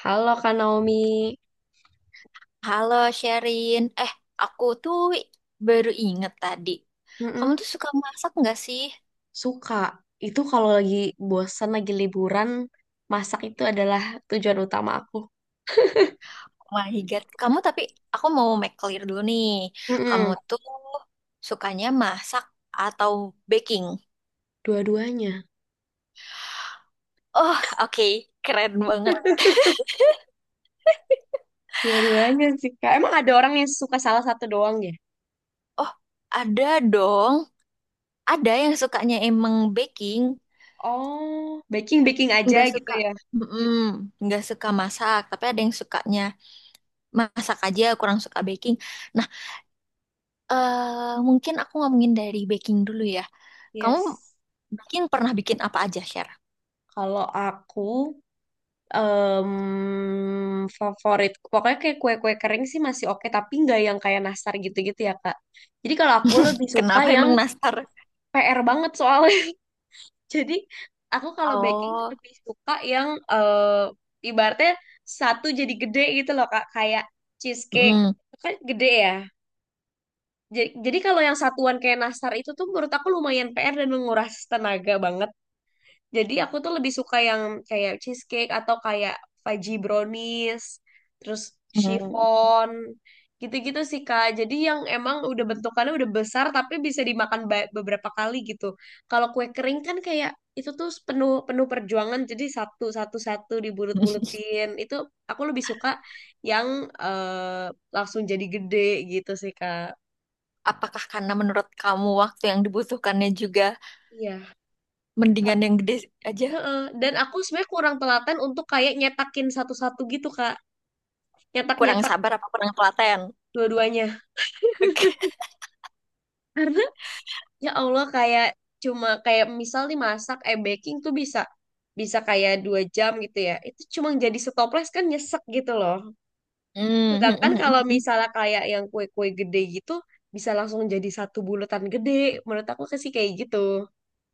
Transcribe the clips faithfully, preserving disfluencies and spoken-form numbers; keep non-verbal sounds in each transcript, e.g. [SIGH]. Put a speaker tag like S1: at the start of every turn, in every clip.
S1: Halo Kak Naomi.
S2: Halo Sherin, eh aku tuh baru inget tadi. Kamu
S1: Mm-mm.
S2: tuh suka masak nggak sih?
S1: Suka. Itu kalau lagi bosan, lagi liburan, masak itu adalah tujuan utama aku.
S2: Oh my God, kamu tapi aku mau make clear dulu nih. Kamu
S1: Mm-mm.
S2: tuh sukanya masak atau baking?
S1: Dua-duanya.
S2: Oh, oke, keren banget.
S1: Dua-duanya sih, Kak. Emang ada orang yang suka salah satu doang ya?
S2: Oh, ada dong. Ada yang sukanya emang baking,
S1: Oh, baking-baking
S2: nggak
S1: aja gitu
S2: suka,
S1: ya.
S2: mm-mm, nggak suka masak. Tapi ada yang sukanya masak aja, kurang suka baking. Nah, eh mungkin aku ngomongin dari baking dulu ya. Kamu
S1: Yes.
S2: bikin pernah bikin apa aja, Share?
S1: Kalau aku, em, favorit, pokoknya kayak kue-kue kering sih masih oke, tapi nggak yang kayak nastar gitu-gitu ya Kak. Jadi kalau aku
S2: [LAUGHS]
S1: lebih suka
S2: Kenapa
S1: yang
S2: emang nastar?
S1: P R banget soalnya. Jadi aku kalau baking tuh
S2: Oh,
S1: lebih suka yang eh, ibaratnya satu jadi gede gitu loh Kak, kayak cheesecake.
S2: mm,
S1: Itu kan gede ya. Ja- Jadi, kalau yang satuan kayak nastar itu tuh menurut aku lumayan P R dan menguras tenaga banget. Jadi aku tuh lebih suka yang kayak cheesecake atau kayak fudgy brownies, terus
S2: hmm.
S1: chiffon, gitu-gitu sih Kak. Jadi yang emang udah bentukannya udah besar tapi bisa dimakan ba- beberapa kali gitu. Kalau kue kering kan kayak itu tuh penuh penuh perjuangan jadi satu satu satu dibulut-bulutin. Itu aku lebih suka yang eh, langsung jadi gede gitu sih Kak.
S2: Apakah karena menurut kamu waktu yang dibutuhkannya juga
S1: Iya. Kak-
S2: mendingan yang gede aja?
S1: Heeh. Dan aku sebenarnya kurang telaten untuk kayak nyetakin satu-satu gitu, Kak.
S2: Kurang
S1: Nyetak-nyetak
S2: sabar apa kurang telaten?
S1: dua-duanya
S2: Oke.
S1: karena ya Allah kayak cuma kayak misal nih masak eh baking tuh bisa bisa kayak dua jam gitu ya itu cuma jadi setoples kan nyesek gitu loh. Sedangkan kalau
S2: Hmm. [LAUGHS]
S1: misalnya kayak yang kue-kue gede gitu bisa langsung jadi satu bulatan gede menurut aku sih kayak gitu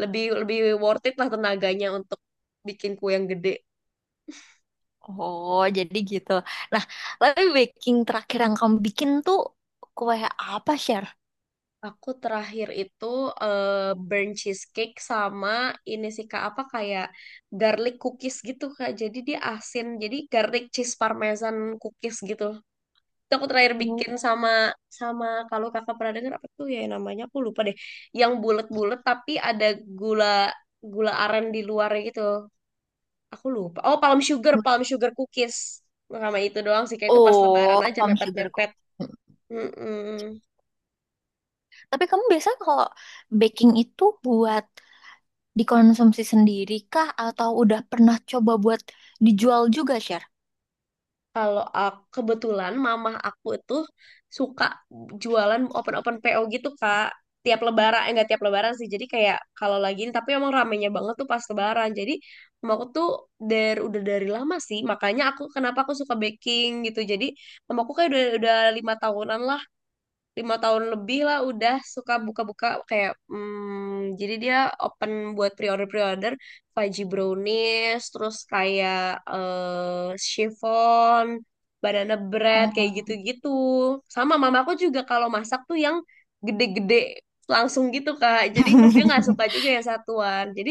S1: lebih lebih worth it lah tenaganya untuk bikin kue yang gede.
S2: Oh, jadi gitu. Nah, tapi baking terakhir yang kamu bikin tuh kue apa, Share?
S1: Aku terakhir itu eh, burnt cheesecake sama ini sih Kak apa kayak garlic cookies gitu Kak. Jadi dia asin. Jadi garlic cheese parmesan cookies gitu. Itu aku terakhir
S2: Oh.
S1: bikin sama sama kalau Kakak pernah dengar apa tuh ya namanya aku lupa deh. Yang bulat-bulat tapi ada gula gula aren di luarnya gitu. Aku lupa. Oh, palm sugar, palm sugar cookies. Sama itu doang sih kayak itu pas lebaran
S2: Oh,
S1: aja
S2: palm sugar
S1: mepet-mepet.
S2: cookie.
S1: Mm-mm.
S2: Tapi kamu biasanya kalau baking itu buat dikonsumsi sendiri kah atau udah pernah coba buat dijual juga, Share?
S1: Kalau aku, kebetulan mamah aku itu suka jualan open-open P O gitu, Kak. Tiap lebaran, eh, enggak tiap lebaran sih. Jadi kayak kalau lagi ini, tapi emang ramenya banget tuh pas lebaran. Jadi mama aku tuh dari udah dari lama sih. Makanya aku kenapa aku suka baking gitu. Jadi mamaku kayak udah udah lima tahunan lah lima tahun lebih lah udah suka buka-buka kayak hmm, jadi dia open buat pre-order pre-order fudgy brownies terus kayak eh chiffon banana bread kayak
S2: Oh.
S1: gitu-gitu sama mamaku juga kalau masak tuh yang gede-gede langsung gitu kak jadi dia nggak suka
S2: [LAUGHS]
S1: juga yang satuan jadi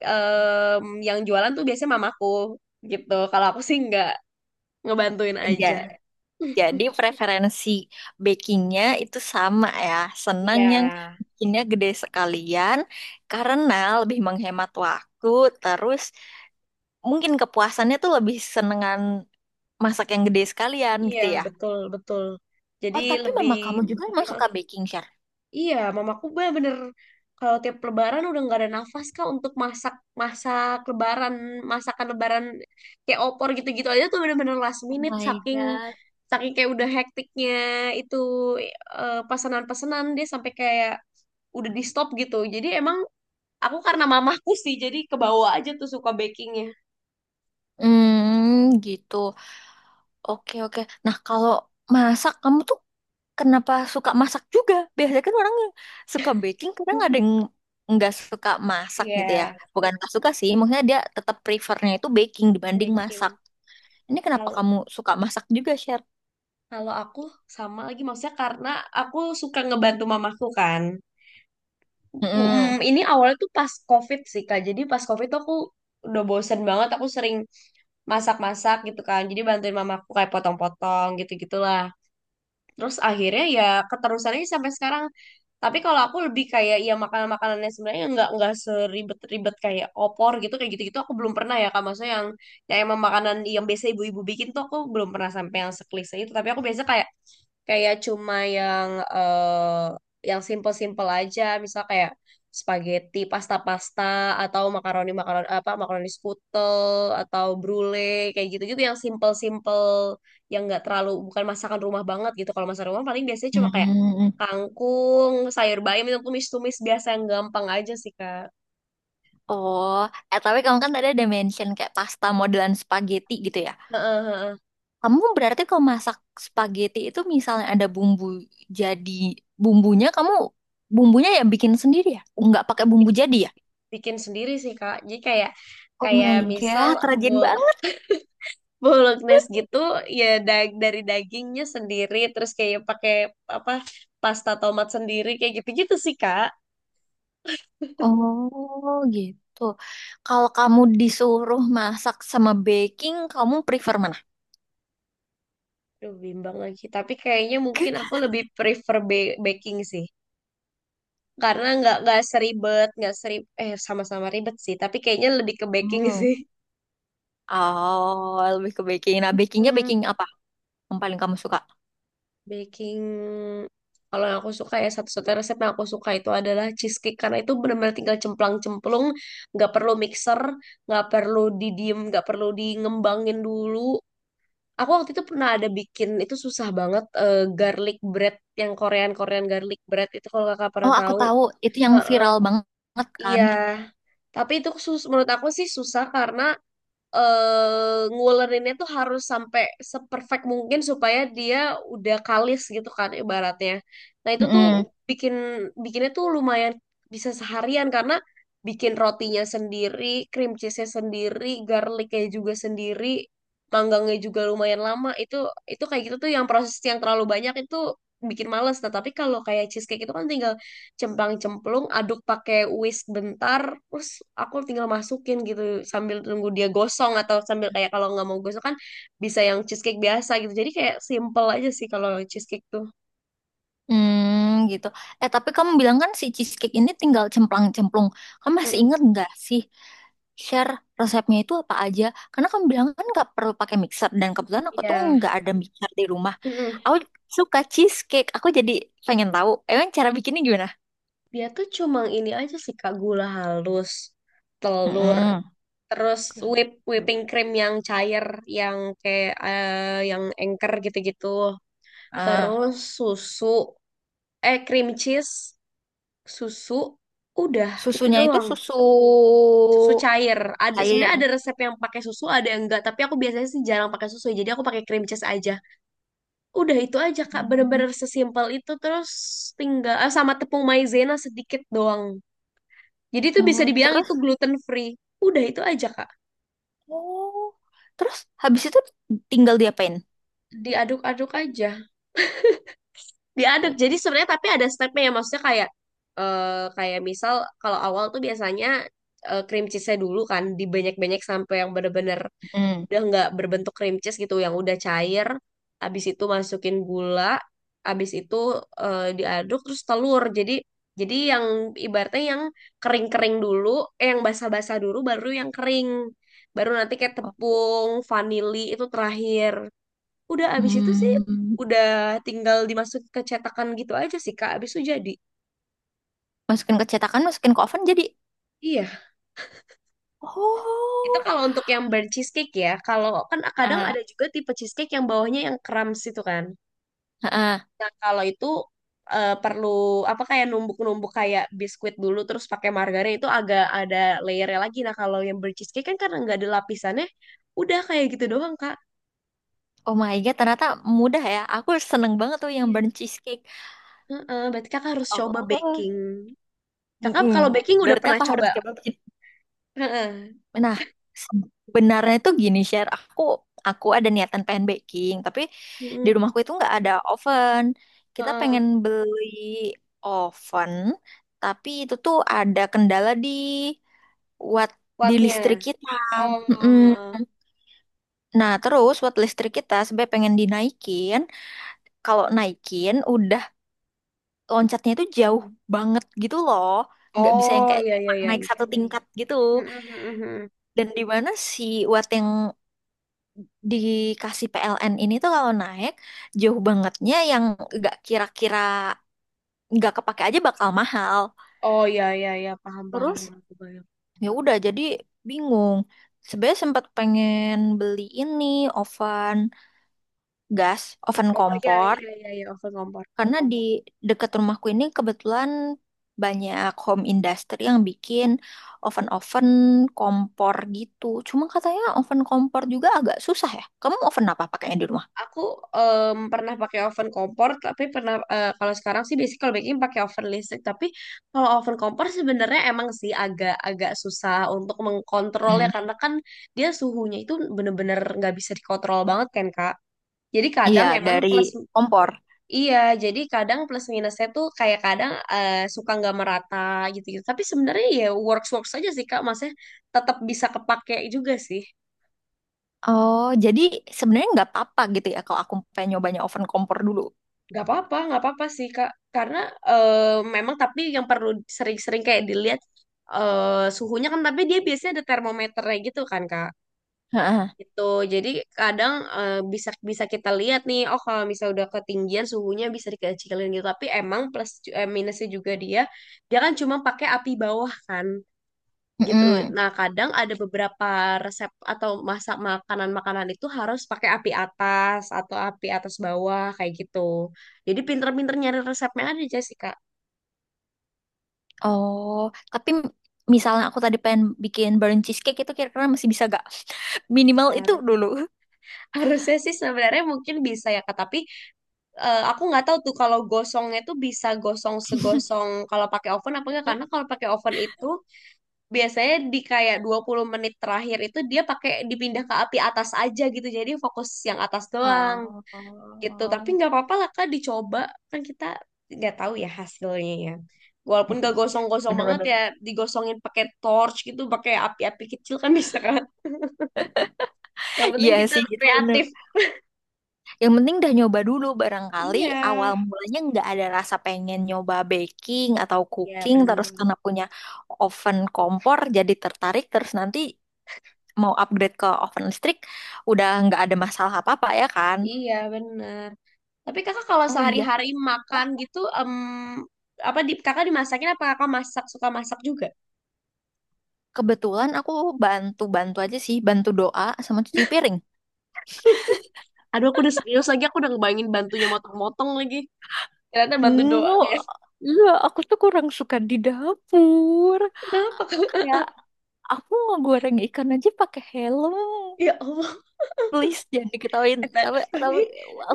S1: em, yang jualan tuh biasanya mamaku gitu kalau aku sih nggak ngebantuin aja.
S2: Ja- jadi preferensi bakingnya itu sama ya. Senang
S1: Iya.
S2: yang bikinnya gede sekalian karena lebih menghemat waktu. Terus mungkin kepuasannya tuh lebih senengan masak yang gede sekalian
S1: Iya,
S2: gitu ya.
S1: betul, betul. Jadi
S2: Oh, tapi
S1: lebih.
S2: mama kamu juga emang
S1: Hah,
S2: suka baking, Share?
S1: iya, mamaku bener-bener kalau tiap lebaran udah nggak ada nafas kak untuk masak masak lebaran, masakan lebaran kayak opor gitu-gitu aja tuh bener-bener last
S2: Oh
S1: minute
S2: my
S1: saking
S2: God.
S1: saking kayak udah hektiknya itu eh, pesanan-pesanan dia sampai kayak udah di stop gitu. Jadi emang aku karena mamahku sih jadi kebawa aja tuh suka bakingnya.
S2: Hmm, gitu. Oke, oke. Nah, kalau masak kamu tuh kenapa suka masak juga? Biasanya kan orang yang suka baking, kadang ada yang
S1: [LAUGHS]
S2: nggak suka masak
S1: Iya,
S2: gitu ya. Bukan nggak suka sih, maksudnya dia tetap prefernya itu baking dibanding masak.
S1: baking.
S2: Ini kenapa kamu suka masak juga, Sher?
S1: Kalau aku sama lagi maksudnya karena aku suka ngebantu mamaku kan.
S2: Mm-mm.
S1: Mm, ini awalnya tuh pas COVID sih Kak. Jadi pas COVID tuh aku udah bosen banget. Aku sering masak-masak gitu kan. Jadi bantuin mamaku kayak potong-potong gitu-gitulah. Terus akhirnya ya keterusannya sampai sekarang. Tapi kalau aku lebih kayak ya makanan-makanannya sebenarnya nggak nggak seribet-ribet kayak opor gitu kayak gitu-gitu aku belum pernah ya Kak. Maksudnya yang yang emang makanan yang biasa ibu-ibu bikin tuh aku belum pernah sampai yang seklise itu. Tapi aku biasa kayak kayak cuma yang eh yang simple-simple aja misal kayak spaghetti pasta-pasta atau makaroni makaroni apa makaroni skutel atau brulee kayak gitu-gitu yang simple-simple yang nggak terlalu bukan masakan rumah banget gitu kalau masakan rumah paling biasanya cuma kayak
S2: Hmm.
S1: kangkung sayur bayam itu tumis-tumis biasa yang gampang aja sih kak.
S2: Oh, eh tapi kamu kan tadi ada mention kayak pasta modelan spaghetti gitu ya.
S1: Heeh, heeh.
S2: Kamu berarti kalau masak spaghetti itu misalnya ada bumbu jadi bumbunya kamu bumbunya ya bikin sendiri ya? Nggak pakai bumbu
S1: bikin
S2: jadi ya?
S1: bikin sendiri sih kak jadi kayak
S2: Oh
S1: kayak
S2: my
S1: misal
S2: God, rajin banget.
S1: Bolognese gitu ya dag dari dagingnya sendiri terus kayak pakai apa pasta tomat sendiri kayak gitu-gitu sih Kak.
S2: Oh gitu. Kalau kamu disuruh masak sama baking, kamu prefer mana?
S1: Duh bimbang lagi tapi kayaknya mungkin aku lebih prefer ba- baking sih karena nggak nggak seribet nggak serib eh sama-sama ribet sih tapi kayaknya lebih ke baking [LAUGHS]
S2: Hmm.
S1: sih.
S2: Oh, lebih ke baking. Nah, bakingnya
S1: Hmm,
S2: baking apa yang paling kamu suka?
S1: baking kalau yang aku suka ya satu-satunya resep yang aku suka itu adalah cheesecake karena itu benar-benar tinggal cemplang-cemplung nggak perlu mixer nggak perlu didiem nggak perlu di ngembangin dulu. Aku waktu itu pernah ada bikin itu susah banget eh, garlic bread yang Korean Korean garlic bread itu kalau kakak pernah
S2: Oh, aku
S1: tahu.
S2: tahu. Itu yang
S1: Heeh,
S2: viral banget kan?
S1: iya, tapi itu sus menurut aku sih susah karena eh ngulerinnya tuh harus sampai seperfect mungkin supaya dia udah kalis gitu kan ibaratnya. Nah itu tuh
S2: Mm-mm.
S1: bikin bikinnya tuh lumayan bisa seharian karena bikin rotinya sendiri, cream cheese-nya sendiri, garlicnya juga sendiri, manggangnya juga lumayan lama. Itu itu kayak gitu tuh yang proses yang terlalu banyak itu bikin males. Nah tapi kalau kayak cheesecake itu kan tinggal cemplang-cemplung aduk pakai whisk bentar terus aku tinggal masukin gitu sambil tunggu dia gosong atau sambil kayak kalau nggak mau gosong kan bisa yang cheesecake biasa gitu jadi kayak simple aja sih kalau cheesecake tuh.
S2: Hmm, gitu. Eh, tapi kamu bilang kan si cheesecake ini tinggal cemplang-cemplung. Kamu masih
S1: Mm-mm.
S2: inget nggak sih share resepnya itu apa aja? Karena kamu bilang kan nggak perlu pakai mixer dan kebetulan aku
S1: Iya.
S2: tuh nggak ada mixer di rumah.
S1: Mm-mm.
S2: Aku suka cheesecake. Aku jadi pengen tahu. Emang cara bikinnya gimana?
S1: Dia tuh cuma ini aja sih Kak gula halus telur
S2: Mm-mm.
S1: terus whip whipping cream yang cair yang kayak eh, yang engker gitu-gitu
S2: Ah,
S1: terus susu eh cream cheese susu udah itu
S2: susunya itu
S1: doang
S2: susu
S1: susu cair. Ada sebenarnya ada
S2: cair.
S1: resep yang pakai susu, ada yang enggak. Tapi aku biasanya sih jarang pakai susu, jadi aku pakai cream cheese aja. Udah itu aja Kak,
S2: Hmm.
S1: bener-bener sesimpel itu. Terus tinggal eh, sama tepung maizena sedikit doang. Jadi itu bisa
S2: Oh,
S1: dibilang
S2: terus,
S1: itu gluten free. Udah itu aja Kak.
S2: oh, terus habis itu tinggal diapain?
S1: Diaduk-aduk aja. Diaduk. Jadi sebenarnya tapi ada stepnya ya, maksudnya kayak eh kayak misal kalau awal tuh biasanya eh, cream cheese-nya dulu kan dibanyak-banyak sampai yang bener-bener
S2: Hmm.
S1: udah nggak berbentuk cream cheese gitu yang udah cair habis itu masukin gula habis itu eh, diaduk terus telur jadi jadi yang ibaratnya yang kering-kering dulu eh, yang basah-basah dulu baru yang kering baru nanti kayak tepung vanili itu terakhir udah habis itu sih
S2: Hmm,
S1: udah tinggal dimasuk ke cetakan gitu aja sih Kak habis itu jadi.
S2: masukin ke cetakan, masukin ke oven jadi.
S1: Iya, itu
S2: Oh,
S1: kalau untuk yang burnt cheesecake ya. Kalau kan kadang ada
S2: ah,
S1: juga tipe cheesecake yang bawahnya yang crumbs itu kan.
S2: ah, ah.
S1: Nah, kalau itu eh, perlu apa kayak numbuk-numbuk kayak biskuit dulu terus pakai margarin itu agak ada layernya lagi. Nah, kalau yang bercheesecake kan karena nggak ada lapisannya, udah kayak gitu doang, Kak.
S2: Oh my god, ternyata mudah ya. Aku seneng banget tuh yang
S1: Iya.
S2: burnt cheesecake.
S1: Heeh, berarti Kakak harus coba
S2: Oh,
S1: baking. Kakak
S2: mm-mm.
S1: kalau baking udah
S2: Berarti
S1: pernah
S2: aku harus
S1: coba?
S2: coba bikin.
S1: Heeh.
S2: Nah, sebenarnya itu gini share. Aku, aku ada niatan pengen baking, tapi di
S1: Heeh.
S2: rumahku itu nggak ada oven. Kita pengen
S1: Heeh.
S2: beli oven, tapi itu tuh ada kendala di watt di
S1: Kuatnya.
S2: listrik kita.
S1: Oh,
S2: Mm-mm.
S1: heeh.
S2: Nah, terus watt listrik kita sebenarnya pengen dinaikin. Kalau naikin, udah loncatnya itu jauh banget gitu loh. Nggak bisa yang
S1: Oh,
S2: kayak
S1: iya iya
S2: cuma
S1: iya.
S2: naik satu tingkat gitu.
S1: Heeh, heeh, heeh.
S2: Dan di mana si watt yang dikasih P L N ini tuh kalau naik, jauh bangetnya yang nggak kira-kira nggak kepake aja bakal mahal.
S1: Oh, iya iya iya, paham paham
S2: Terus
S1: aku bayang.
S2: ya udah jadi bingung. Sebenarnya sempat pengen beli ini oven gas, oven
S1: Oh, iya
S2: kompor.
S1: iya iya iya, oven kompor.
S2: Karena di dekat rumahku ini kebetulan banyak home industry yang bikin oven-oven kompor gitu. Cuma katanya oven kompor juga agak susah ya. Kamu oven apa pakainya di rumah?
S1: Aku em, pernah pakai oven kompor, tapi pernah eh, kalau sekarang sih basic kalau baking pakai oven listrik. Tapi kalau oven kompor sebenarnya emang sih agak-agak susah untuk mengkontrolnya
S2: Hmm.
S1: karena kan dia suhunya itu bener-bener nggak bisa dikontrol banget kan Kak. Jadi
S2: Iya,
S1: kadang emang
S2: dari
S1: plus
S2: kompor.
S1: iya, jadi kadang plus minusnya tuh kayak kadang eh, suka nggak merata gitu-gitu. Tapi sebenarnya ya works-works aja sih Kak, maksudnya tetap bisa kepake juga sih.
S2: Oh, jadi sebenarnya nggak apa-apa gitu ya kalau aku pengen nyobanya oven kompor dulu.
S1: Gak apa-apa, nggak apa-apa sih Kak. Karena eh, memang tapi yang perlu sering-sering kayak dilihat eh, suhunya kan, tapi dia biasanya ada termometernya gitu kan Kak.
S2: Heeh.
S1: Itu jadi kadang eh, bisa bisa kita lihat nih, oh kalau misalnya udah ketinggian suhunya bisa dikecilin gitu. Tapi emang plus ju- eh, minusnya juga dia, dia, kan cuma pakai api bawah kan gitu.
S2: Mm-mm.
S1: Nah, kadang ada beberapa resep atau masak makanan-makanan itu harus pakai api atas atau api atas bawah kayak gitu. Jadi pinter-pinter nyari resepnya ada Jessica.
S2: Oh, tapi misalnya aku tadi pengen bikin burnt cheesecake itu kira-kira masih bisa gak? [LAUGHS] Minimal itu
S1: Har-
S2: dulu.
S1: Harusnya sih sebenarnya mungkin bisa ya Kak, tapi eh, aku nggak tahu tuh kalau gosongnya tuh bisa gosong segosong kalau pakai oven apa enggak karena kalau pakai oven itu biasanya di kayak dua puluh menit terakhir itu dia pakai dipindah ke api atas aja gitu. Jadi fokus yang atas doang. Gitu tapi nggak apa-apa lah kak dicoba kan kita nggak tahu ya hasilnya ya walaupun
S2: Oh.
S1: gak gosong-gosong banget
S2: Bener-bener.
S1: ya digosongin pakai torch gitu pakai api-api kecil kan [LAUGHS] bisa kan yang penting
S2: Iya
S1: kita
S2: sih, itu bener.
S1: kreatif.
S2: Yang penting udah nyoba dulu barangkali
S1: Iya
S2: awal mulanya nggak ada rasa pengen nyoba baking atau
S1: ya
S2: cooking, terus
S1: bener
S2: karena punya oven kompor jadi tertarik, terus nanti mau upgrade ke oven listrik udah nggak ada masalah apa-apa ya kan?
S1: iya bener tapi kakak kalau
S2: Oh iya,
S1: sehari-hari
S2: lah
S1: makan gitu em apa di kakak dimasakin apa kakak masak suka masak juga.
S2: kebetulan aku bantu-bantu aja sih, bantu doa sama cuci piring.
S1: Aduh aku udah serius lagi aku udah ngebayangin bantunya motong-motong lagi ternyata bantu doang
S2: Enggak,
S1: ya.
S2: iya aku tuh kurang suka di dapur.
S1: Kenapa
S2: Kayak aku ngegoreng ikan aja pakai helm.
S1: ya Allah.
S2: Please jangan diketawain,
S1: Eh, ta-
S2: tapi
S1: [LAUGHS] tapi
S2: tapi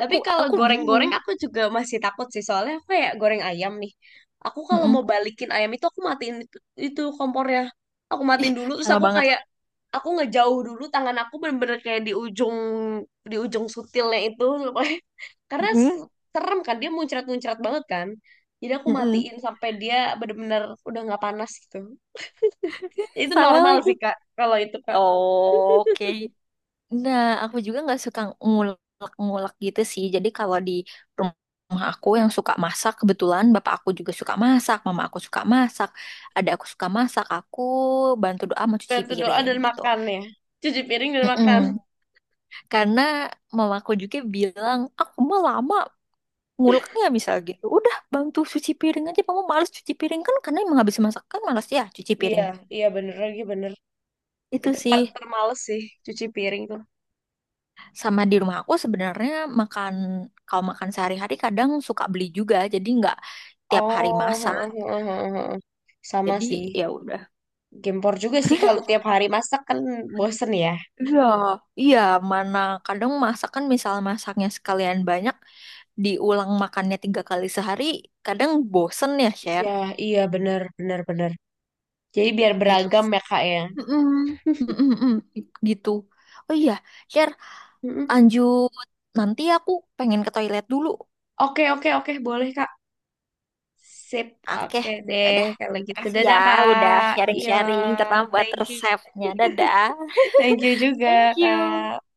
S1: tapi kalau
S2: aku
S1: goreng-goreng
S2: bingung.
S1: aku juga masih takut sih soalnya aku kayak goreng ayam nih aku kalau
S2: Mm-mm.
S1: mau balikin ayam itu aku matiin itu, itu kompornya aku
S2: Ih,
S1: matiin dulu terus
S2: sama
S1: aku
S2: banget.
S1: kayak aku ngejauh dulu tangan aku bener-bener kayak di ujung di ujung sutilnya itu [LAUGHS] pokoknya. Karena
S2: Mm-mm.
S1: s- serem kan dia muncrat-muncrat banget kan jadi aku
S2: Mm-mm.
S1: matiin sampai dia bener-bener udah nggak panas gitu itu
S2: Sama
S1: normal
S2: lagi.
S1: sih kak kalau itu kak.
S2: Oke, nah aku juga nggak suka ngulek-ngulek gitu sih, jadi kalau di rumah aku yang suka masak kebetulan bapak aku juga suka masak, mama aku suka masak, ada aku suka masak, aku bantu doa mau cuci
S1: Bantu doa
S2: piring
S1: dan
S2: gitu.
S1: makan ya cuci piring dan makan.
S2: Mm-mm. Karena mama aku juga bilang aku mau lama ngulek misal gitu udah bantu cuci piring aja, kamu males cuci piring kan karena emang habis masak kan males ya cuci
S1: Iya,
S2: piring
S1: iya bener lagi bener.
S2: itu
S1: Itu
S2: sih.
S1: part termales sih, cuci piring tuh.
S2: Sama di rumah aku sebenarnya makan, kalau makan sehari-hari kadang suka beli juga, jadi nggak tiap hari masak
S1: Oh, [LAUGHS] Sama
S2: jadi
S1: sih.
S2: ya udah.
S1: Gempor juga sih kalau tiap hari masak kan bosen ya.
S2: Iya, iya, mana kadang masak kan misal masaknya sekalian banyak diulang makannya tiga kali sehari kadang bosen ya share
S1: Ya, iya bener, bener, bener. Jadi biar
S2: gitu.
S1: beragam ya kak ya.
S2: Mm-mm. Mm-mm-mm. Gitu. Oh iya, share,
S1: Mm-mm.
S2: lanjut, nanti aku pengen ke toilet dulu.
S1: Oke, oke, oke, boleh kak. Sip,
S2: Oke,
S1: oke deh.
S2: udah.
S1: Kalau gitu,
S2: Makasih ya,
S1: dadah
S2: udah
S1: kak. Iya,
S2: sharing-sharing terlambat
S1: thank you. [LAUGHS]
S2: resepnya. Dadah.
S1: Thank you juga
S2: Thank you.
S1: kak.